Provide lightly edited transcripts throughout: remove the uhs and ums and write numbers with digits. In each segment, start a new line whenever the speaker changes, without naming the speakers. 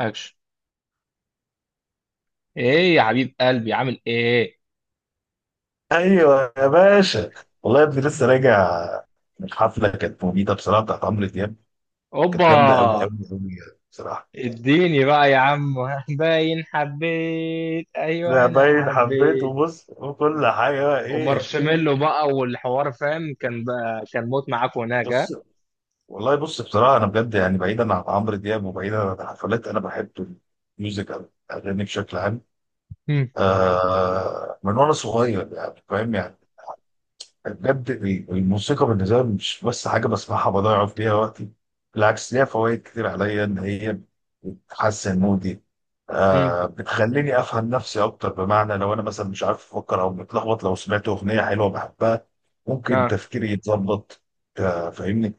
اكشن. ايه يا حبيب قلبي، عامل ايه؟
ايوه يا باشا. والله يا ابني لسه راجع من حفله كانت مميته بصراحه بتاعت عمرو دياب. كانت
اوبا
جامده قوي
آه.
قوي قوي بصراحه.
اديني بقى يا عم. باين حبيت، ايوه
ده
انا
باين حبيت
حبيت.
وبص وكل حاجه بقى ايه.
ومارشميلو بقى والحوار فاهم كان بقى كان موت معاك هناك. ها.
بص والله، بص بصراحه، انا بجد يعني بعيدا عن عمرو دياب وبعيدا عن الحفلات انا بحب الميوزك أوي، الاغاني بشكل عام.
هم،
آه، من وانا صغير يعني فاهم يعني. بجد الموسيقى بالنسبه لي مش بس حاجه بسمعها بضيع فيها وقتي، بالعكس ليها فوائد كتير عليا ان هي بتحسن مودي.
هم.
آه، بتخليني افهم نفسي اكتر، بمعنى لو انا مثلا مش عارف افكر او متلخبط لو سمعت اغنيه حلوه بحبها ممكن
ها،
تفكيري يتظبط. آه، فاهمني.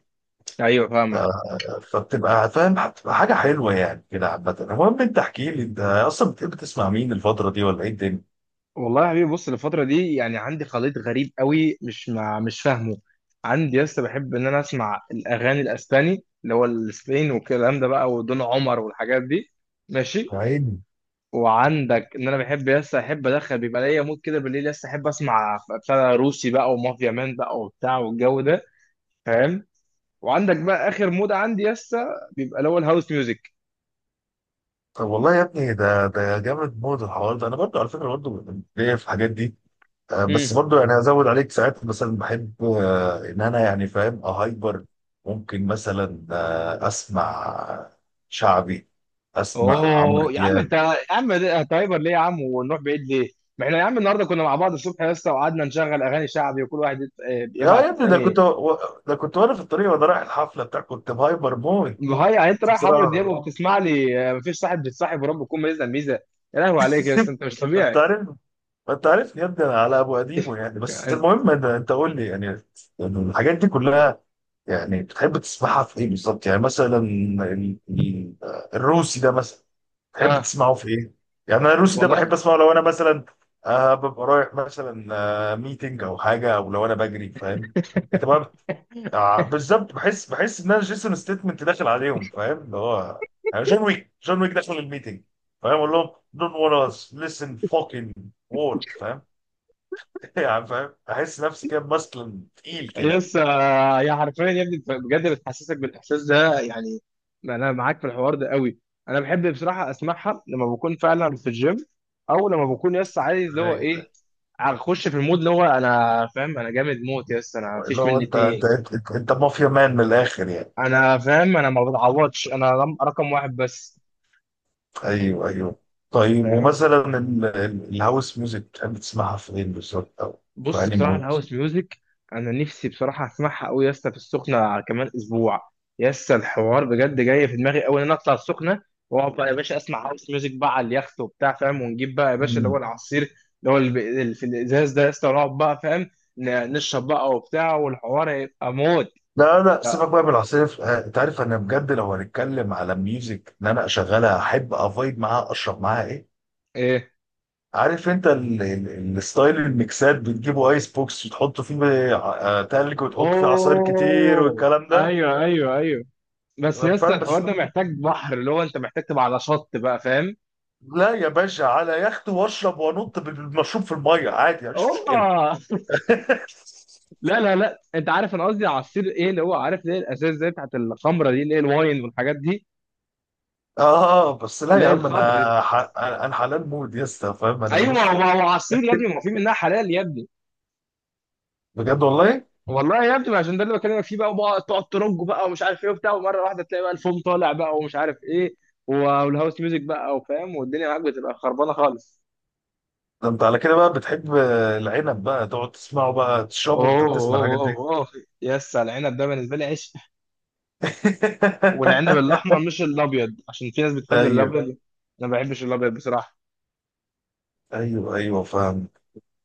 ايوه
آه،
فاهمك.
فبتبقى فاهم، بتبقى حاجه حلوه يعني كده عامه. المهم، انت احكي لي، انت اصلا بتحب تسمع مين الفتره دي ولا ايه
والله يا حبيبي بص الفترة دي يعني عندي خليط غريب قوي مش فاهمه. عندي لسه بحب ان انا اسمع الاغاني الاسباني اللي هو الاسباني والكلام ده بقى ودون عمر والحاجات دي. ماشي.
الدنيا؟
وعندك ان انا بحب لسه احب ادخل بيبقى ليا مود كده بالليل لسه احب اسمع بتاع روسي بقى ومافيا مان بقى وبتاع والجو ده. فاهم. وعندك بقى اخر مود عندي لسه بيبقى اللي هو الهاوس ميوزك.
طب والله يا ابني، ده جامد موت الحوار ده. انا برضو على فكره، برضو ليا في الحاجات دي. بس
مم.
برضو يعني هزود عليك ساعات مثلا بحب، ان انا يعني فاهم اهايبر، ممكن مثلا اسمع شعبي، اسمع عمرو
اوه يا عم
دياب.
انت يا عم ده تايمر ليه يا عم ونروح بعيد ليه؟ ما احنا يا عم النهارده كنا مع بعض الصبح لسه وقعدنا نشغل اغاني شعبي وكل واحد
يا
يبعت
يا ابني،
الثاني.
ده كنت وانا في الطريق وانا رايح الحفله بتاع، كنت مهايبر موت
هاي يعني انت رايح عمرو دياب
بصراحه.
وبتسمع لي، مفيش صاحب بيتصاحب ورب يكون ميزه ميزه. يا لهوي عليك يا اسطى انت مش
ما انت
طبيعي.
عارف ما انت عارفني يا ابني، انا على ابو قديمه يعني. بس
يعني.
المهم إن انت قول لي يعني الحاجات دي كلها يعني بتحب تسمعها في ايه بالظبط. يعني مثلا الروسي ده مثلا، تحب
ها.
تسمعه في ايه؟ يعني انا الروسي ده
والله
بحب اسمعه لو انا مثلا ببقى رايح مثلا ميتنج او حاجه، او لو انا بجري فاهم. انت بقى بالظبط، بحس ان انا جيسون ستيتمنت داخل عليهم، فاهم اللي هو، يعني جون ويك، جون ويك داخل الميتنج، فاهم اقول لهم don't wanna listen fucking word، فاهم؟ يعني فاهم، احس نفسي كده ماسكلين تقيل كده
يس، يا حرفيا يا ابني بجد بتحسسك بالاحساس ده يعني. انا معاك في الحوار ده قوي. انا بحب بصراحه اسمعها لما بكون فعلا في الجيم، او لما بكون يس عايز اللي هو
يعني.
ايه. اخش في المود اللي هو انا فاهم انا جامد موت يس انا
اللي
مفيش
هو
مني
انت انت
اتنين.
انت, انت مافيا مان من الاخر يعني.
انا فاهم انا ما بتعوضش انا رقم واحد بس.
ايوه، ايوه. طيب
فاهم.
ومثلا الهاوس ميوزك بتحب تسمعها فين بالظبط او في
بص
انهي
بصراحة
مود؟
الهاوس ميوزك أنا نفسي بصراحة أسمعها أوي يا اسطى في السخنة على كمان أسبوع. يا اسطى الحوار بجد جاي في دماغي أوي إن أنا أطلع السخنة وأقعد بقى يا باشا أسمع هاوس ميوزك بقى على اليخت وبتاع فاهم، ونجيب بقى يا باشا اللي هو
مم.
العصير اللي هو اللي في الإزاز ده يا اسطى ونقعد بقى فاهم نشرب بقى وبتاع والحوار هيبقى موت.
لا، لا، سيبك
لا.
بقى من العصير. انت عارف انا بجد لو هنتكلم على ميوزك، ان انا اشغلها احب افايب معاها، اشرب معاها، ايه؟
إيه.
عارف انت الستايل، الميكسات بتجيبوا ايس بوكس وتحطوا فيه تلج وتحطوا فيه عصاير كتير
أوه،
والكلام ده
أيوه أيوه أيوه. بس يا اسطى
فاهم. بس
الحوار ده محتاج بحر اللي هو أنت محتاج تبقى على شط بقى فاهم.
لا يا باشا، على يخت واشرب وانط بالمشروب في الميه عادي، مفيش مشكله.
أوبا. لا لا لا انت عارف انا قصدي على السير ايه اللي هو عارف ليه الاساس زي بتاعت الخمره دي اللي هي الواين والحاجات دي
اه، بس لا
اللي
يا
هي
عم،
الخضر دي.
انا حلال مود يا اسطى، فاهم انا
ايوه ما
ماليش
هو ما
فيه.
هو عصير يا ابني ما هو في منها حلال يا ابني.
بجد والله.
والله يا ابني ما عشان ده اللي بكلمك فيه بقى وبقى تقعد ترج بقى ومش عارف ايه وبتاع ومره واحده تلاقي بقى الفوم طالع بقى ومش عارف ايه و- والهاوس ميوزك بقى وفاهم والدنيا معاك بتبقى خربانه خالص.
ده انت على كده بقى بتحب العنب، بقى تقعد تسمعه بقى تشربه وانت
اوه
بتسمع الحاجات
اوه
دي.
اوه اوه. يس على العنب ده بالنسبه لي عشق. والعنب الاحمر مش الابيض عشان في ناس بتحب
ايوه،
الابيض. انا ما بحبش الابيض بصراحه.
ايوه، ايوه، فاهم.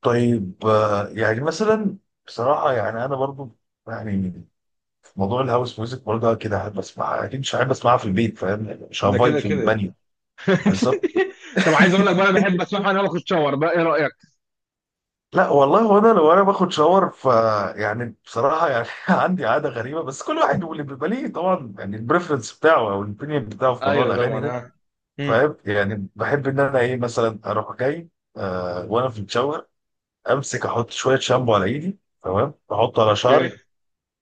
طيب يعني مثلا، بصراحه يعني انا برضو، يعني في موضوع الهاوس ميوزك برضه كده احب اسمعها اكيد. مش احب اسمعها في البيت، فاهم يعني، مش
ده
هفايب
كده
في
كده.
البانيو. بالظبط.
طب عايز اقول لك بقى انا بحب اسمعها وانا باخد شاور بقى، ايه رايك؟
لا والله، هو انا لو انا باخد شاور ف، يعني بصراحه يعني عندي عاده غريبه بس كل واحد واللي بيبقى ليه طبعا يعني البريفرنس بتاعه او الاوبينيون بتاعه في موضوع
ايوه
الاغاني
طبعا.
ده.
ها. مم.
فاهم يعني بحب ان انا ايه مثلا، اروح جاي وانا في الشاور، امسك احط شويه شامبو على ايدي، تمام، احطه على
اوكي.
شعري،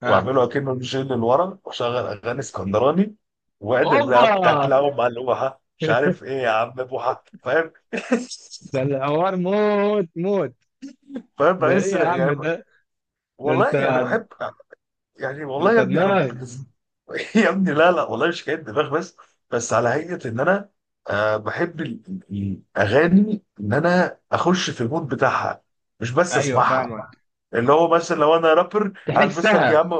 ها.
واعمله اكنه الجيل اللي ورا، واشغل اغاني اسكندراني، وادر
اوبا.
بقى بتاكلها ملوحه، مش عارف ايه، يا عم بوحه، فاهم؟
ده الحوار موت موت.
فاهم
ده ايه
بحس
يا عم
يعني.
ده؟ ده
والله
انت.
يعني بحب يعني،
ده
والله
انت
يا ابني انا
دماغ.
يا ابني لا، لا والله مش حكايه دماغ بس على هيئه ان انا، بحب الاغاني، ان انا اخش في المود بتاعها، مش بس
ايوه
اسمعها.
فاهمك.
اللي هو مثلا لو انا رابر هلبس لك يا
تحسها.
عم.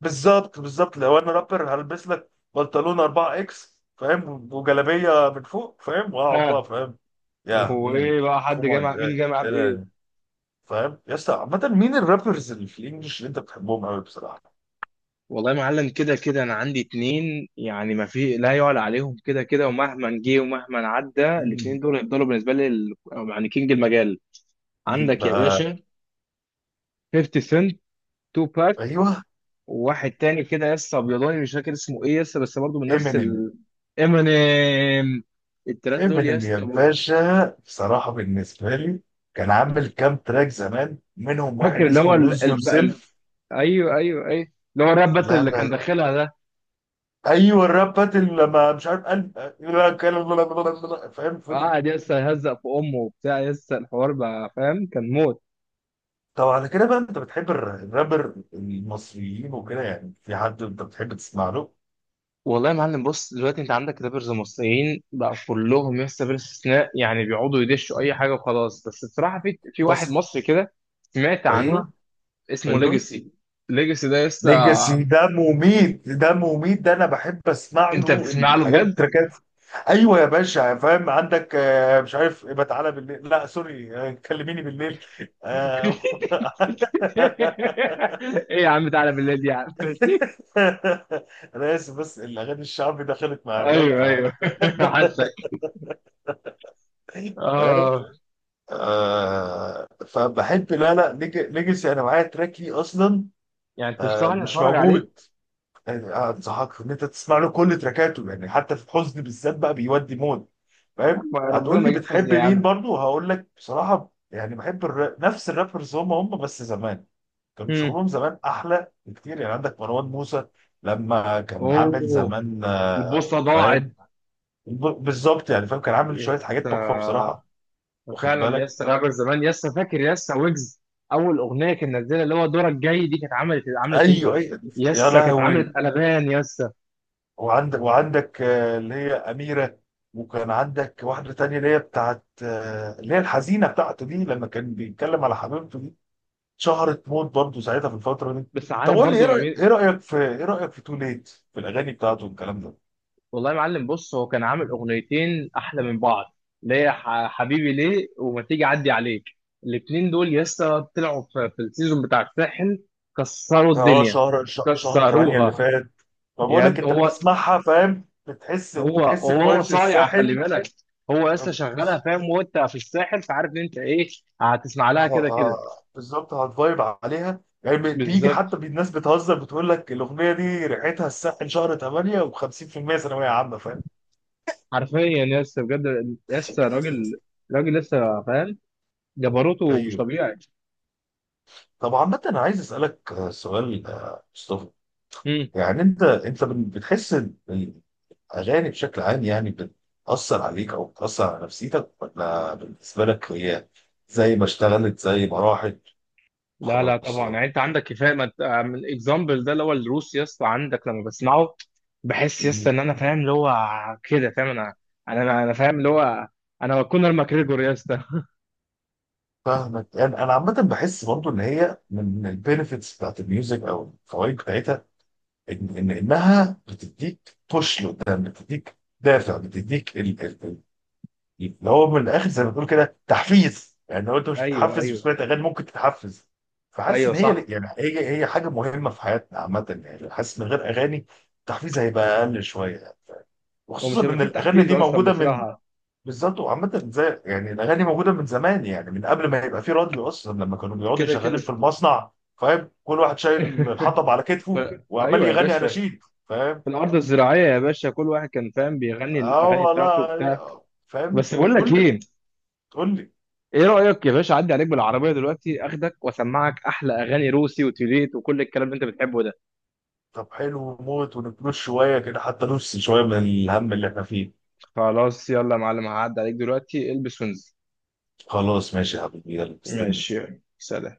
بالظبط بالظبط، لو انا رابر هلبس لك بنطلون 4 اكس فاهم، وجلابيه من فوق فاهم، واقعد بقى
اه.
فاهم يا
وايه بقى حد
كومان.
جامع مين جامع بايه؟
فاهم يا اسطى. عامه مين الرابرز اللي في الانجليش اللي انت بتحبهم قوي بصراحه؟
والله يا معلم كده كده انا عندي اتنين يعني ما في لا يعلى عليهم كده كده ومهما جه ومهما عدى الاتنين دول هيفضلوا بالنسبه لي ال-، يعني كينج المجال.
مين
عندك يا
بقى؟
باشا 50 سنت، تو باك.
ايوه
وواحد تاني كده يس ابيضاني مش فاكر اسمه ايه يس بس برضه من نفس
امينيم.
ال-، امينيم. التلاته دول
امينيم
يس
يا باشا بصراحه، بالنسبه لي كان عامل كام تراك زمان، منهم
فاكر
واحد
اللي هو
اسمه لوز يور سيلف.
ايوه ايوه ايوه اللي هو الراب باتل
لا،
اللي كان
لا،
داخلها ده.
ايوه الراب باتل، لما مش عارف قلب، لا كان- لا- لا- لا- لا- فاهم فضل.
قعد يس يهزق في امه وبتاع يس الحوار بقى فاهم كان موت.
طب على كده بقى انت بتحب الرابر المصريين وكده، يعني في حد انت بتحب تسمع له؟
والله يا معلم بص دلوقتي انت عندك رابرز مصريين بقى كلهم يس بلا استثناء يعني بيقعدوا يدشوا اي حاجه وخلاص، بس بصراحه في واحد
بس،
مصري كده سمعت عنه
ايوه،
اسمه
ايوه.
ليجاسي. ليجاسي ده لسه.
ليجاسي ده مميت، ده مميت ده، انا بحب اسمع
انت
له
بتسمع له
الحاجات،
بجد؟
التراكات. ايوه يا باشا فاهم، عندك مش عارف، يبقى تعالى بالليل، لا سوري، كلميني بالليل. آه،
ايه يا عم تعالى بالليل دي يا عم؟
انا اسف بس الاغاني الشعبي دخلت مع الراب
ايوه ايوه. حاسك.
فاهم.
اه.
فبحب، لا، لا، ليجاسي انا معايا تراك ليه اصلا،
يعني تنصحني
مش
اتفرج عليه؟
موجود يعني. انصحك ان انت تسمع له كل تراكاته، يعني حتى في الحزن بالذات بقى بيودي مود
يا
فاهم.
عم ربنا
هتقول
ما
لي
يجيب حظي
بتحب
يا
مين
عم.
برضو، هقول لك بصراحه يعني بحب نفس الرابرز، هم بس زمان كان
مم.
شغلهم زمان احلى بكتير. يعني عندك مروان موسى لما كان عامل
اوه.
زمان،
البوصه ضاعت.
فاهم، بالظبط، يعني فاهم كان عامل شويه حاجات تحفه
يسا
بصراحه، واخد
فعلا،
بالك؟
يسا رابر زمان، يسا فاكر يسا ويجز. اول اغنيه كان نزلها اللي هو دورك جاي دي كانت عملت عملت ايه.
ايوه، ايوه. يا
يسا كانت
لهوي.
عملت قلبان يسا.
وعندك اللي هي أميرة. وكان عندك واحدة تانية اللي هي بتاعت اللي هي الحزينة بتاعته دي، لما كان بيتكلم على حبيبته دي، شهرت موت برضه ساعتها في الفترة دي.
بس
طب
عارف
قول لي،
برضو.
ايه رأيك في تو ليت، في الأغاني بتاعته والكلام ده.
والله يا معلم بص هو كان عامل اغنيتين احلى من بعض اللي هي حبيبي ليه، وما تيجي اعدي عليك. الاتنين دول لسه طلعوا في السيزون بتاع الساحل. كسروا
اه
الدنيا.
شهر شهر 8 اللي
كسروها.
فات. فبقول
يا
لك
ابني
انت
هو
بتسمعها فاهم، بتحس
هو
بتحس
هو
بفايبس
صايع خلي
الساحل.
بالك. هو لسه شغالها فاهم وانت في الساحل فعارف ان انت ايه، هتسمع لها كده كده.
بالظبط، هتفايب عليها، يعني بيجي حتى
بالظبط.
الناس بتهزر بتقول لك الاغنيه دي ريحتها الساحل شهر 8 و50% ثانويه عامه، فاهم؟
حرفيا يس بجد يس راجل. راجل لسه فاهم. جبروته مش
طيب
طبيعي.
طب عامة أنا عايز أسألك سؤال، مصطفى. يعني أنت بتحس إن الأغاني بشكل عام يعني بتأثر عليك أو بتأثر على نفسيتك، ولا بالنسبة لك هي زي ما اشتغلت زي ما راحت؟
لا لا
خلاص.
طبعا يعني انت عندك كفايه ما. الاكزامبل ده اللي هو الروس يا اسطى عندك لما بسمعه بحس يا اسطى
يعني
ان انا فاهم اللي هو كده فاهم. انا انا انا أنا فاهم اللي هو انا كونر ماكريجور يا اسطى.
فاهمك يعني. انا عامه بحس برضو ان هي من البينفيتس بتاعت الميوزك، او الفوائد بتاعتها، إن انها بتديك بوش لقدام، بتديك دافع، بتديك اللي هو من الاخر زي ما بتقول كده تحفيز. يعني لو انت مش
ايوه
بتحفز
ايوه.
بسمعة اغاني ممكن تتحفز. فحاسس
ايوه
ان هي،
صح.
يعني هي حاجه مهمه في حياتنا عامه يعني. حاسس من غير اغاني التحفيز هيبقى اقل شويه، وخصوصا
ومش هيبقى
ان
فيه
الاغاني
تحفيز
دي
اصلا
موجوده من،
بصراحه.
بالظبط. وعامة زي يعني الأغاني موجودة من زمان، يعني من قبل ما يبقى في راديو أصلا، لما كانوا بيقعدوا
كده كده.
شغالين في المصنع، فاهم، كل واحد شايل الحطب على
ف...
كتفه وعمال
ايوه يا
يغني
باشا
أناشيد، فاهم.
في الارض الزراعيه يا باشا كل واحد كان فاهم بيغني
اه
الاغاني بتاعته وبتاع.
والله فاهم،
بس بقول لك
كل
ايه،
تقول لي.
ايه رايك يا باشا اعدي عليك بالعربيه دلوقتي اخدك واسمعك احلى اغاني روسي وتوليت وكل الكلام اللي انت بتحبه ده؟
طب حلو موت، ونفلوس شوية كده حتى نفس شوية من الهم اللي احنا فيه.
خلاص يلا يا معلم هعدي عليك دلوقتي البس وانزل.
خلاص ماشي يا حبيبي، يلا مستني.
ماشي سلام.